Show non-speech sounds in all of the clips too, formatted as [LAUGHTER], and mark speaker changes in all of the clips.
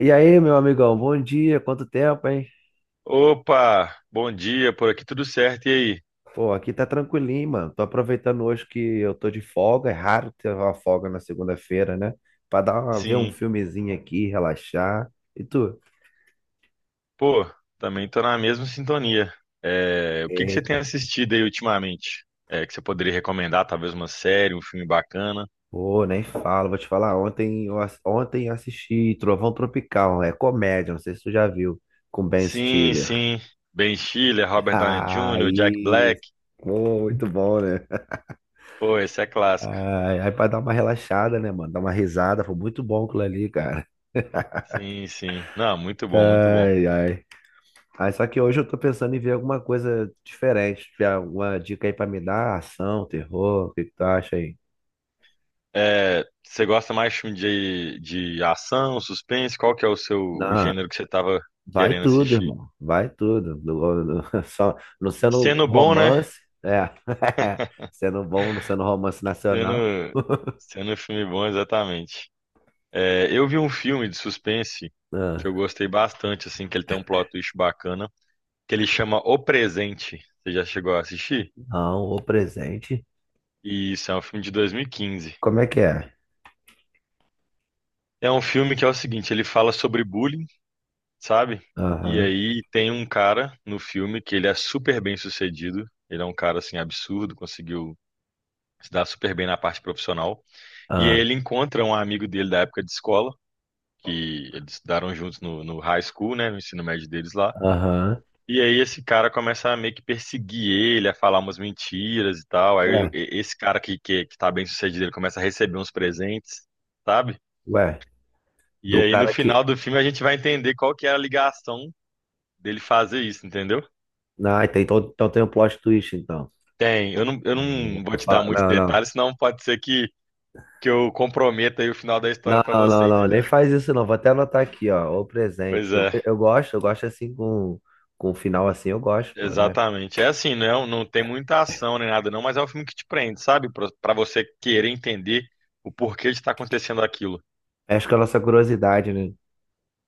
Speaker 1: E aí, meu amigão, bom dia, quanto tempo, hein?
Speaker 2: Opa, bom dia, por aqui tudo certo, e aí?
Speaker 1: Pô, aqui tá tranquilinho, mano. Tô aproveitando hoje que eu tô de folga, é raro ter uma folga na segunda-feira, né? Pra dar uma, ver um
Speaker 2: Sim,
Speaker 1: filmezinho aqui, relaxar. E tu?
Speaker 2: pô, também tô na mesma sintonia. É, o que que você tem
Speaker 1: Eita,
Speaker 2: assistido aí ultimamente? É, que você poderia recomendar, talvez uma série, um filme bacana?
Speaker 1: pô, nem falo, vou te falar. Ontem eu assisti Trovão Tropical, é comédia, não sei se tu já viu, com Ben
Speaker 2: Sim,
Speaker 1: Stiller.
Speaker 2: sim, Ben Stiller,
Speaker 1: [LAUGHS]
Speaker 2: Robert Downey Jr., Jack
Speaker 1: Aí,
Speaker 2: Black,
Speaker 1: pô, muito bom, né?
Speaker 2: pô, esse é clássico.
Speaker 1: Ai, aí pra dar uma relaxada, né, mano? Dar uma risada, foi muito bom aquilo ali, cara.
Speaker 2: Sim, sim, não, muito bom, muito bom.
Speaker 1: Ai, ai. Aí só que hoje eu tô pensando em ver alguma coisa diferente. Tiver alguma dica aí pra me dar? Ação, terror, o que que tu acha aí?
Speaker 2: É, você gosta mais de filme de ação, suspense? Qual que é o seu o
Speaker 1: Não,
Speaker 2: gênero que você tava
Speaker 1: vai
Speaker 2: querendo
Speaker 1: tudo,
Speaker 2: assistir?
Speaker 1: irmão. Vai tudo. [LAUGHS] Só, não sendo
Speaker 2: Sendo bom, né?
Speaker 1: romance, é. [LAUGHS] Sendo bom, não sendo romance nacional.
Speaker 2: Sendo,
Speaker 1: [LAUGHS]
Speaker 2: sendo um filme bom, exatamente. É, eu vi um filme de suspense que
Speaker 1: Ah,
Speaker 2: eu gostei bastante, assim, que ele tem um plot twist bacana, que ele chama O Presente. Você já chegou a assistir?
Speaker 1: não, o presente.
Speaker 2: E isso é um filme de 2015.
Speaker 1: Como é que é?
Speaker 2: É um filme que é o seguinte, ele fala sobre bullying, sabe? E
Speaker 1: Aham,
Speaker 2: aí tem um cara no filme que ele é super bem sucedido. Ele é um cara, assim, absurdo, conseguiu se dar super bem na parte profissional. E aí
Speaker 1: ah,
Speaker 2: ele encontra um amigo dele da época de escola, que eles estudaram juntos no high school, né, no ensino médio deles lá.
Speaker 1: aham.
Speaker 2: E aí esse cara começa a meio que perseguir ele, a falar umas mentiras e tal.
Speaker 1: Ué,
Speaker 2: Esse cara que tá bem sucedido, ele começa a receber uns presentes, sabe?
Speaker 1: ué,
Speaker 2: E
Speaker 1: do
Speaker 2: aí no
Speaker 1: cara que.
Speaker 2: final do filme a gente vai entender qual que era a ligação dele fazer isso, entendeu?
Speaker 1: Não, então tem um plot twist, então.
Speaker 2: Tem, eu
Speaker 1: Não,
Speaker 2: não vou
Speaker 1: não,
Speaker 2: te dar muitos
Speaker 1: não, não.
Speaker 2: detalhes, senão pode ser que eu comprometa aí o final da história
Speaker 1: Não,
Speaker 2: pra
Speaker 1: não, não,
Speaker 2: você,
Speaker 1: não,
Speaker 2: entendeu?
Speaker 1: nem faz isso não. Vou até anotar aqui, ó, o presente.
Speaker 2: Pois
Speaker 1: Eu,
Speaker 2: é.
Speaker 1: eu gosto, eu gosto assim com o final assim, eu gosto, pô, né?
Speaker 2: Exatamente. É assim, não, é um, não tem muita ação nem nada, não, mas é um filme que te prende, sabe? Pra você querer entender o porquê de estar acontecendo aquilo.
Speaker 1: Acho que é a nossa curiosidade, né?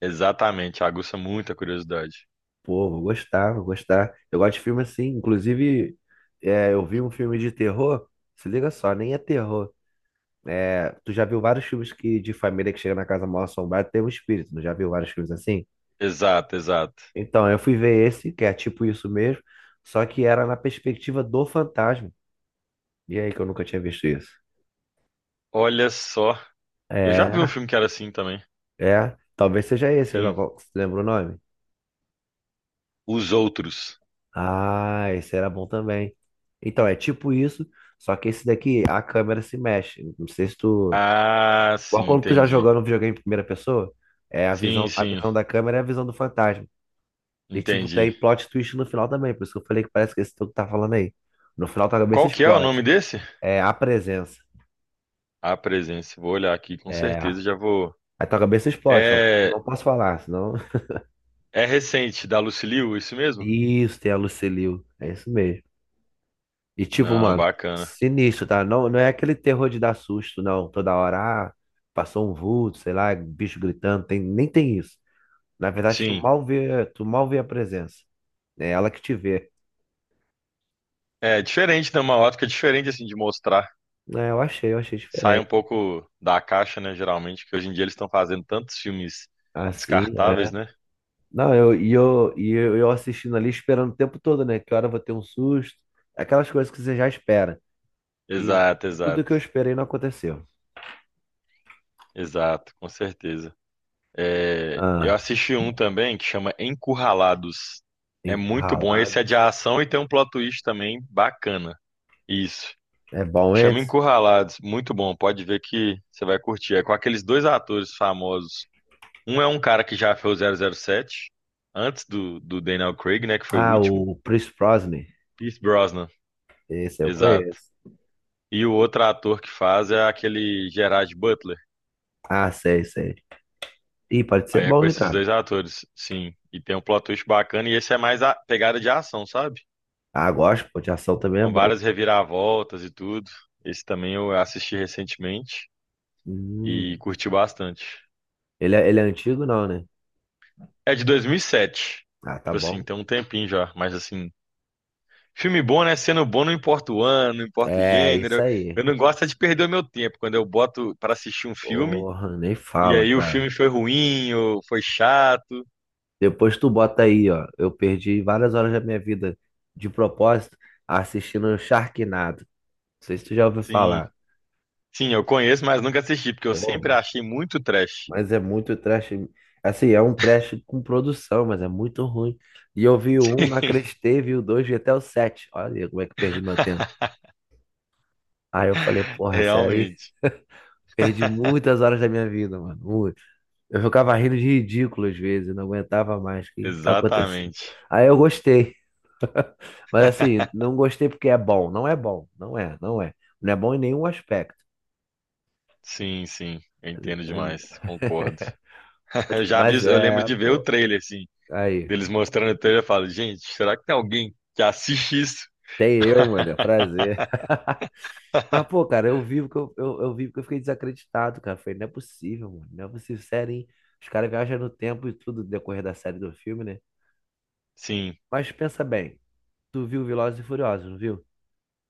Speaker 2: Exatamente, aguça muita curiosidade.
Speaker 1: Pô, vou gostar, vou gostar. Eu gosto de filme assim, inclusive, eu vi um filme de terror, se liga só, nem é terror. É, tu já viu vários filmes que de família que chega na casa mal assombrada tem um espírito, não já viu vários filmes assim?
Speaker 2: Exato, exato.
Speaker 1: Então, eu fui ver esse, que é tipo isso mesmo, só que era na perspectiva do fantasma. E aí que eu nunca tinha visto isso.
Speaker 2: Olha só, eu já vi um
Speaker 1: É.
Speaker 2: filme que era assim também.
Speaker 1: É, talvez seja esse, né?
Speaker 2: Sim,
Speaker 1: Você lembra o nome?
Speaker 2: Os Outros.
Speaker 1: Ah, esse era bom também. Então, é tipo isso, só que esse daqui, a câmera se mexe. Não sei se tu.
Speaker 2: Ah, sim,
Speaker 1: Igual quando tu já
Speaker 2: entendi.
Speaker 1: jogando um videogame em primeira pessoa, é a
Speaker 2: Sim,
Speaker 1: visão, a
Speaker 2: sim,
Speaker 1: visão da câmera é a visão do fantasma. E tipo,
Speaker 2: entendi.
Speaker 1: tem plot twist no final também, por isso que eu falei que parece que esse tu tá falando aí. No final tua cabeça
Speaker 2: Qual que é o
Speaker 1: explode.
Speaker 2: nome desse?
Speaker 1: É a presença.
Speaker 2: A Presença. Vou olhar aqui, com
Speaker 1: É.
Speaker 2: certeza já vou.
Speaker 1: Aí tua cabeça explode, então
Speaker 2: É,
Speaker 1: não posso falar, senão. [LAUGHS]
Speaker 2: é recente, da Lucy Liu, isso mesmo?
Speaker 1: Isso, tem a Lucille Liu. É isso mesmo. E tipo,
Speaker 2: Não,
Speaker 1: mano,
Speaker 2: bacana.
Speaker 1: sinistro, tá? Não, não é aquele terror de dar susto, não. Toda hora, ah, passou um vulto, sei lá, bicho gritando, tem, nem tem isso. Na verdade,
Speaker 2: Sim.
Speaker 1: tu mal vê a presença. É ela que te vê.
Speaker 2: É diferente, né? Uma ótica diferente, assim, de mostrar.
Speaker 1: É, eu achei
Speaker 2: Sai um
Speaker 1: diferente.
Speaker 2: pouco da caixa, né? Geralmente, que hoje em dia eles estão fazendo tantos filmes
Speaker 1: Assim, é.
Speaker 2: descartáveis, né?
Speaker 1: Não, eu assistindo ali, esperando o tempo todo, né? Que hora eu vou ter um susto. Aquelas coisas que você já espera. E
Speaker 2: Exato,
Speaker 1: tudo que
Speaker 2: exato,
Speaker 1: eu esperei não aconteceu.
Speaker 2: exato, com certeza. É, eu
Speaker 1: Ah,
Speaker 2: assisti um também que chama Encurralados. É muito bom. Esse é
Speaker 1: Encurralados.
Speaker 2: de ação e tem um plot twist também bacana. Isso.
Speaker 1: É bom
Speaker 2: Chama
Speaker 1: esse?
Speaker 2: Encurralados. Muito bom. Pode ver que você vai curtir. É com aqueles dois atores famosos. Um é um cara que já fez o zero zero sete antes do Daniel Craig, né, que foi o
Speaker 1: Ah,
Speaker 2: último.
Speaker 1: o Pierce Brosnan.
Speaker 2: Pierce Brosnan,
Speaker 1: Esse eu
Speaker 2: exato.
Speaker 1: conheço.
Speaker 2: E o outro ator que faz é aquele Gerard Butler.
Speaker 1: Ah, sei, sei. Ih, pode ser
Speaker 2: Aí é com
Speaker 1: bom, hein,
Speaker 2: esses
Speaker 1: cara?
Speaker 2: dois atores, sim. E tem um plot twist bacana, e esse é mais a pegada de ação, sabe?
Speaker 1: Ah, gosto, pô, de ação também é
Speaker 2: Com
Speaker 1: bom.
Speaker 2: várias reviravoltas e tudo. Esse também eu assisti recentemente e
Speaker 1: Hum.
Speaker 2: curti bastante.
Speaker 1: Ele é antigo, não, né?
Speaker 2: É de dois mil e sete.
Speaker 1: Ah, tá
Speaker 2: Tipo assim,
Speaker 1: bom.
Speaker 2: tem um tempinho já, mas assim, filme bom, né? Sendo bom, não importa o ano, não importa o
Speaker 1: É, isso
Speaker 2: gênero.
Speaker 1: aí.
Speaker 2: Eu não gosto é de perder o meu tempo quando eu boto para assistir um filme
Speaker 1: Porra, nem
Speaker 2: e
Speaker 1: fala,
Speaker 2: aí o
Speaker 1: cara.
Speaker 2: filme foi ruim ou foi chato.
Speaker 1: Depois tu bota aí, ó. Eu perdi várias horas da minha vida de propósito assistindo Sharknado. Não sei se tu já ouviu
Speaker 2: Sim,
Speaker 1: falar.
Speaker 2: sim, eu conheço, mas nunca assisti, porque eu
Speaker 1: Pô,
Speaker 2: sempre
Speaker 1: mano,
Speaker 2: achei muito trash.
Speaker 1: mas é muito trash. Assim, é um trash com produção, mas é muito ruim. E eu vi o 1, não
Speaker 2: [LAUGHS]
Speaker 1: acreditei, vi o 2, vi até o 7. Olha aí como é que eu perdi meu tempo. Aí eu falei, porra, sério, [LAUGHS]
Speaker 2: Realmente.
Speaker 1: perdi
Speaker 2: [LAUGHS]
Speaker 1: muitas horas da minha vida, mano. Muito. Eu ficava rindo de ridículo às vezes, não aguentava mais. O que que tá acontecendo?
Speaker 2: Exatamente.
Speaker 1: Aí eu gostei, mas assim, não gostei porque é bom. Não é bom, não é, não é. Não é bom em nenhum aspecto.
Speaker 2: Sim, sim. Eu entendo demais. Concordo.
Speaker 1: [LAUGHS]
Speaker 2: [LAUGHS]
Speaker 1: Mas
Speaker 2: Eu lembro
Speaker 1: é,
Speaker 2: de ver o
Speaker 1: pô,
Speaker 2: trailer, assim,
Speaker 1: aí.
Speaker 2: deles mostrando o trailer. Eu falo, gente, será que tem alguém que assiste isso?
Speaker 1: Tem eu, mano, é um prazer. [LAUGHS] Mas, pô, cara, eu vivo que eu vivo que eu fiquei desacreditado, cara. Falei, não é possível, mano. Não é possível, sério, hein? Os caras viajam no tempo e tudo decorrer da série do filme, né?
Speaker 2: Sim,
Speaker 1: Mas pensa bem, tu viu Velozes e Furiosos, não viu?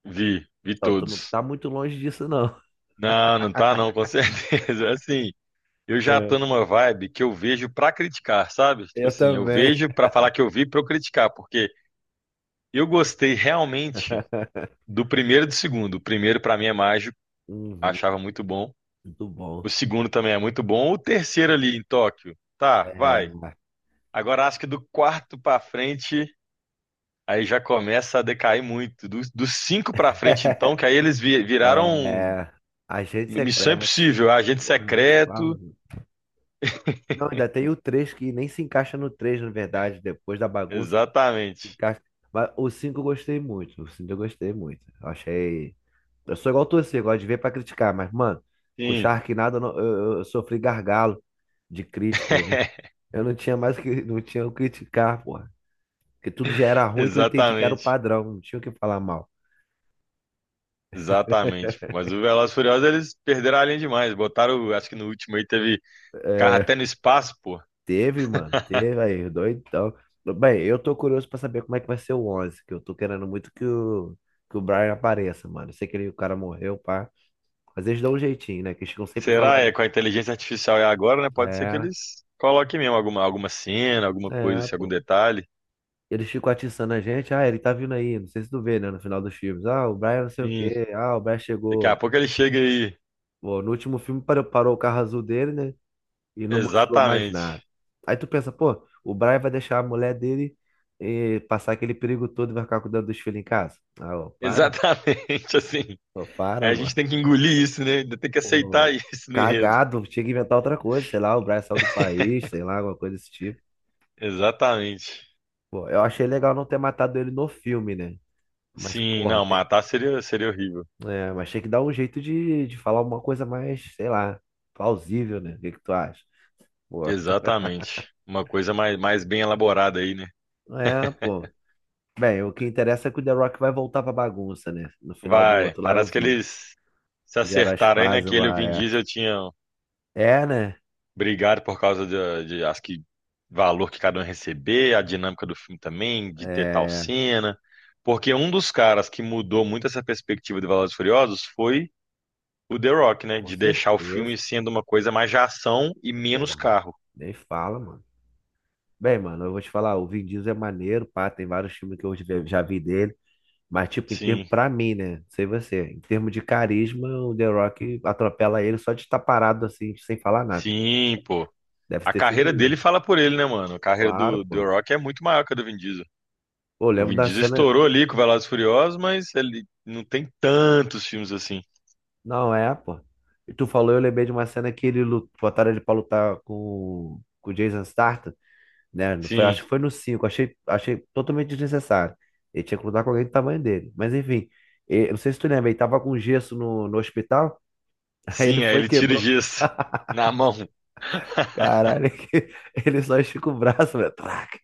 Speaker 2: vi
Speaker 1: Então, tu não
Speaker 2: todos.
Speaker 1: tá muito longe disso, não.
Speaker 2: Não, não tá não, com certeza. [LAUGHS] Assim, eu já tô
Speaker 1: É.
Speaker 2: numa vibe que eu vejo pra criticar, sabe? Tipo
Speaker 1: Eu
Speaker 2: assim, eu
Speaker 1: também.
Speaker 2: vejo pra falar que eu vi pra eu criticar, porque eu gostei realmente
Speaker 1: [LAUGHS]
Speaker 2: do primeiro e do segundo. O primeiro pra mim é mágico,
Speaker 1: Uhum,
Speaker 2: achava muito bom.
Speaker 1: muito bom.
Speaker 2: O segundo também é muito bom. O terceiro ali em Tóquio, tá,
Speaker 1: É.
Speaker 2: vai. Agora acho que do quarto pra frente aí já começa a decair muito. Dos cinco pra frente então, que aí eles
Speaker 1: [LAUGHS]
Speaker 2: viraram
Speaker 1: É. Agente
Speaker 2: Missão
Speaker 1: Secreto.
Speaker 2: Impossível, Agente
Speaker 1: Porra, nem fala,
Speaker 2: Secreto,
Speaker 1: mano. Não, ainda tem o 3 que nem se encaixa no 3, na verdade, depois da bagunça se
Speaker 2: exatamente.
Speaker 1: encaixa. Mas o 5 eu gostei muito. O 5 eu gostei muito. Eu achei. Eu sou igual você, eu gosto de ver pra criticar, mas, mano, com o
Speaker 2: Sim,
Speaker 1: Sharknado eu sofri gargalo de crítica.
Speaker 2: [LAUGHS]
Speaker 1: Eu não tinha mais que, não tinha o que criticar, porra. Porque tudo já era ruim que eu entendi que era o
Speaker 2: exatamente.
Speaker 1: padrão, não tinha o que falar mal.
Speaker 2: Exatamente. Mas o Velozes e Furiosos, eles perderam a linha demais. Botaram, acho que no último aí teve carro
Speaker 1: É,
Speaker 2: até no espaço, pô.
Speaker 1: teve, mano, teve aí, doidão. Bem, eu tô curioso pra saber como é que vai ser o 11 que eu tô querendo muito que o, Brian apareça, mano. Eu sei que ele, o cara morreu, pá. Mas eles dão um jeitinho, né? Que eles ficam sempre
Speaker 2: Será? É,
Speaker 1: falando.
Speaker 2: com a inteligência artificial é agora, né? Pode ser que
Speaker 1: É,
Speaker 2: eles coloquem mesmo alguma, alguma cena, alguma coisa,
Speaker 1: é,
Speaker 2: assim, algum
Speaker 1: pô.
Speaker 2: detalhe.
Speaker 1: Eles ficam atiçando a gente. Ah, ele tá vindo aí. Não sei se tu vê, né? No final dos filmes. Ah, o Brian não sei o
Speaker 2: Sim.
Speaker 1: quê. Ah, o Brian
Speaker 2: Daqui a
Speaker 1: chegou.
Speaker 2: pouco ele chega aí.
Speaker 1: Pô, no último filme parou, parou o carro azul dele, né? E não mostrou mais nada.
Speaker 2: Exatamente.
Speaker 1: Aí tu pensa, pô, o Brian vai deixar a mulher dele passar aquele perigo todo e vai ficar cuidando dos filhos em casa? Ah, ô, para,
Speaker 2: Exatamente, [LAUGHS] assim.
Speaker 1: ô,
Speaker 2: Aí
Speaker 1: para,
Speaker 2: a gente
Speaker 1: mano.
Speaker 2: tem que engolir isso, né? Ainda tem que
Speaker 1: Ô,
Speaker 2: aceitar [LAUGHS] isso no enredo.
Speaker 1: cagado, tinha que inventar outra coisa, sei lá, o Brian saiu do país, sei lá, alguma coisa desse tipo.
Speaker 2: Exatamente.
Speaker 1: Pô, eu achei legal não ter matado ele no filme, né? Mas,
Speaker 2: Sim,
Speaker 1: porra,
Speaker 2: não,
Speaker 1: tem,
Speaker 2: matar seria, seria horrível.
Speaker 1: é, mas tinha que dar um jeito de, falar uma coisa mais, sei lá, plausível, né? O que que tu acha? Pô,
Speaker 2: Exatamente. Uma coisa mais, mais bem elaborada aí, né?
Speaker 1: é, pô. Bem, o que interessa é que o The Rock vai voltar pra bagunça, né? No final do
Speaker 2: Vai,
Speaker 1: outro lá eu
Speaker 2: parece que
Speaker 1: vi.
Speaker 2: eles se
Speaker 1: Fizeram as
Speaker 2: acertaram aí
Speaker 1: pazes
Speaker 2: naquele. O
Speaker 1: lá,
Speaker 2: Vin
Speaker 1: é.
Speaker 2: Diesel tinha
Speaker 1: É, né?
Speaker 2: brigado por causa acho que, valor que cada um ia receber, a dinâmica do filme também, de ter tal
Speaker 1: É,
Speaker 2: cena. Porque um dos caras que mudou muito essa perspectiva de Velozes e Furiosos foi o The Rock, né?
Speaker 1: com
Speaker 2: De deixar o
Speaker 1: certeza,
Speaker 2: filme sendo uma coisa mais de ação e menos
Speaker 1: porra.
Speaker 2: carro.
Speaker 1: Nem fala, mano. Bem, mano, eu vou te falar, o Vin Diesel é maneiro, pá, tem vários filmes que eu já vi dele, mas, tipo, em termos,
Speaker 2: Sim,
Speaker 1: pra mim, né? Não sei você, em termos de carisma, o The Rock atropela ele só de estar parado, assim, sem falar nada.
Speaker 2: sim, pô.
Speaker 1: Deve
Speaker 2: A
Speaker 1: ter sido
Speaker 2: carreira dele
Speaker 1: isso.
Speaker 2: fala por ele, né, mano? A carreira
Speaker 1: Claro,
Speaker 2: do The
Speaker 1: pô.
Speaker 2: Rock é muito maior que a do Vin Diesel.
Speaker 1: Pô, eu
Speaker 2: O
Speaker 1: lembro
Speaker 2: Vin
Speaker 1: da
Speaker 2: Diesel
Speaker 1: cena.
Speaker 2: estourou ali com Velozes e Furiosos, mas ele não tem tantos filmes assim.
Speaker 1: Não é, pô. E tu falou, eu lembrei de uma cena que botaram ele pra lutar com o Jason Statham, né? Não foi,
Speaker 2: Sim,
Speaker 1: acho que foi no 5. Achei, achei totalmente desnecessário. Ele tinha que lutar com alguém do tamanho dele. Mas enfim, eu não sei se tu lembra, ele tava com gesso no hospital, [LAUGHS] aí ele
Speaker 2: sim, aí
Speaker 1: foi e
Speaker 2: ele tira o
Speaker 1: quebrou.
Speaker 2: gesso na mão.
Speaker 1: Caralho, [LAUGHS] ele só estica o braço, velho. Traca.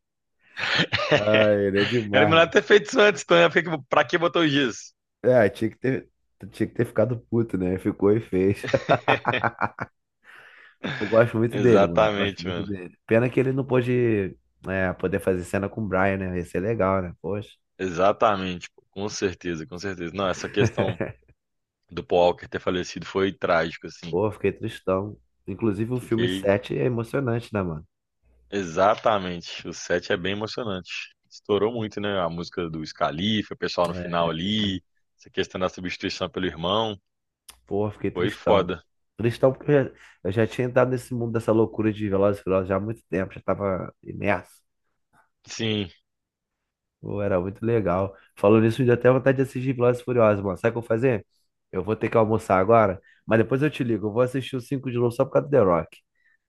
Speaker 2: [LAUGHS]
Speaker 1: Ai, ele é
Speaker 2: Era
Speaker 1: demais,
Speaker 2: melhor
Speaker 1: mano.
Speaker 2: ter feito isso antes, então, né? Pra que botou o gesso?
Speaker 1: É, tinha que ter ficado puto, né? Ficou e fez.
Speaker 2: [LAUGHS]
Speaker 1: Eu gosto muito dele, mano. Eu gosto
Speaker 2: Exatamente,
Speaker 1: muito
Speaker 2: mano.
Speaker 1: dele. Pena que ele não pôde, poder fazer cena com o Brian, né? Ia ser legal, né? Poxa.
Speaker 2: Exatamente, pô. Com certeza, com certeza. Não, essa questão
Speaker 1: [LAUGHS]
Speaker 2: do Paul Walker ter falecido foi trágico, assim.
Speaker 1: Pô, fiquei tristão. Inclusive, o filme
Speaker 2: Fiquei
Speaker 1: 7 é emocionante, né, mano?
Speaker 2: exatamente. O set é bem emocionante. Estourou muito, né? A música do Scalifa, o pessoal no final
Speaker 1: É,
Speaker 2: ali, essa questão da substituição pelo irmão.
Speaker 1: pô, fiquei
Speaker 2: Foi
Speaker 1: tristão.
Speaker 2: foda.
Speaker 1: Tristão porque eu já tinha entrado nesse mundo dessa loucura de Velozes e Furiosos já há muito tempo, já tava imerso.
Speaker 2: Sim,
Speaker 1: Pô, era muito legal. Falando nisso, me deu até vontade de assistir Velozes e Furiosos, mano. Sabe o que eu vou fazer? Eu vou ter que almoçar agora, mas depois eu te ligo. Eu vou assistir o 5 de novo só por causa do The Rock.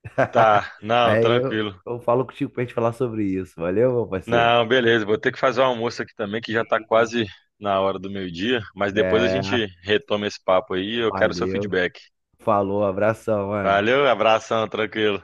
Speaker 1: [LAUGHS]
Speaker 2: tá. Não,
Speaker 1: Aí eu,
Speaker 2: tranquilo.
Speaker 1: eu falo contigo pra gente falar sobre isso. Valeu, meu parceiro?
Speaker 2: Não, beleza. Vou ter que fazer o almoço aqui também, que já tá
Speaker 1: E-
Speaker 2: quase na hora do meio-dia. Mas depois a
Speaker 1: É,
Speaker 2: gente retoma esse papo aí. Eu quero seu
Speaker 1: valeu.
Speaker 2: feedback.
Speaker 1: Falou, abração, mano.
Speaker 2: Valeu, abração, tranquilo.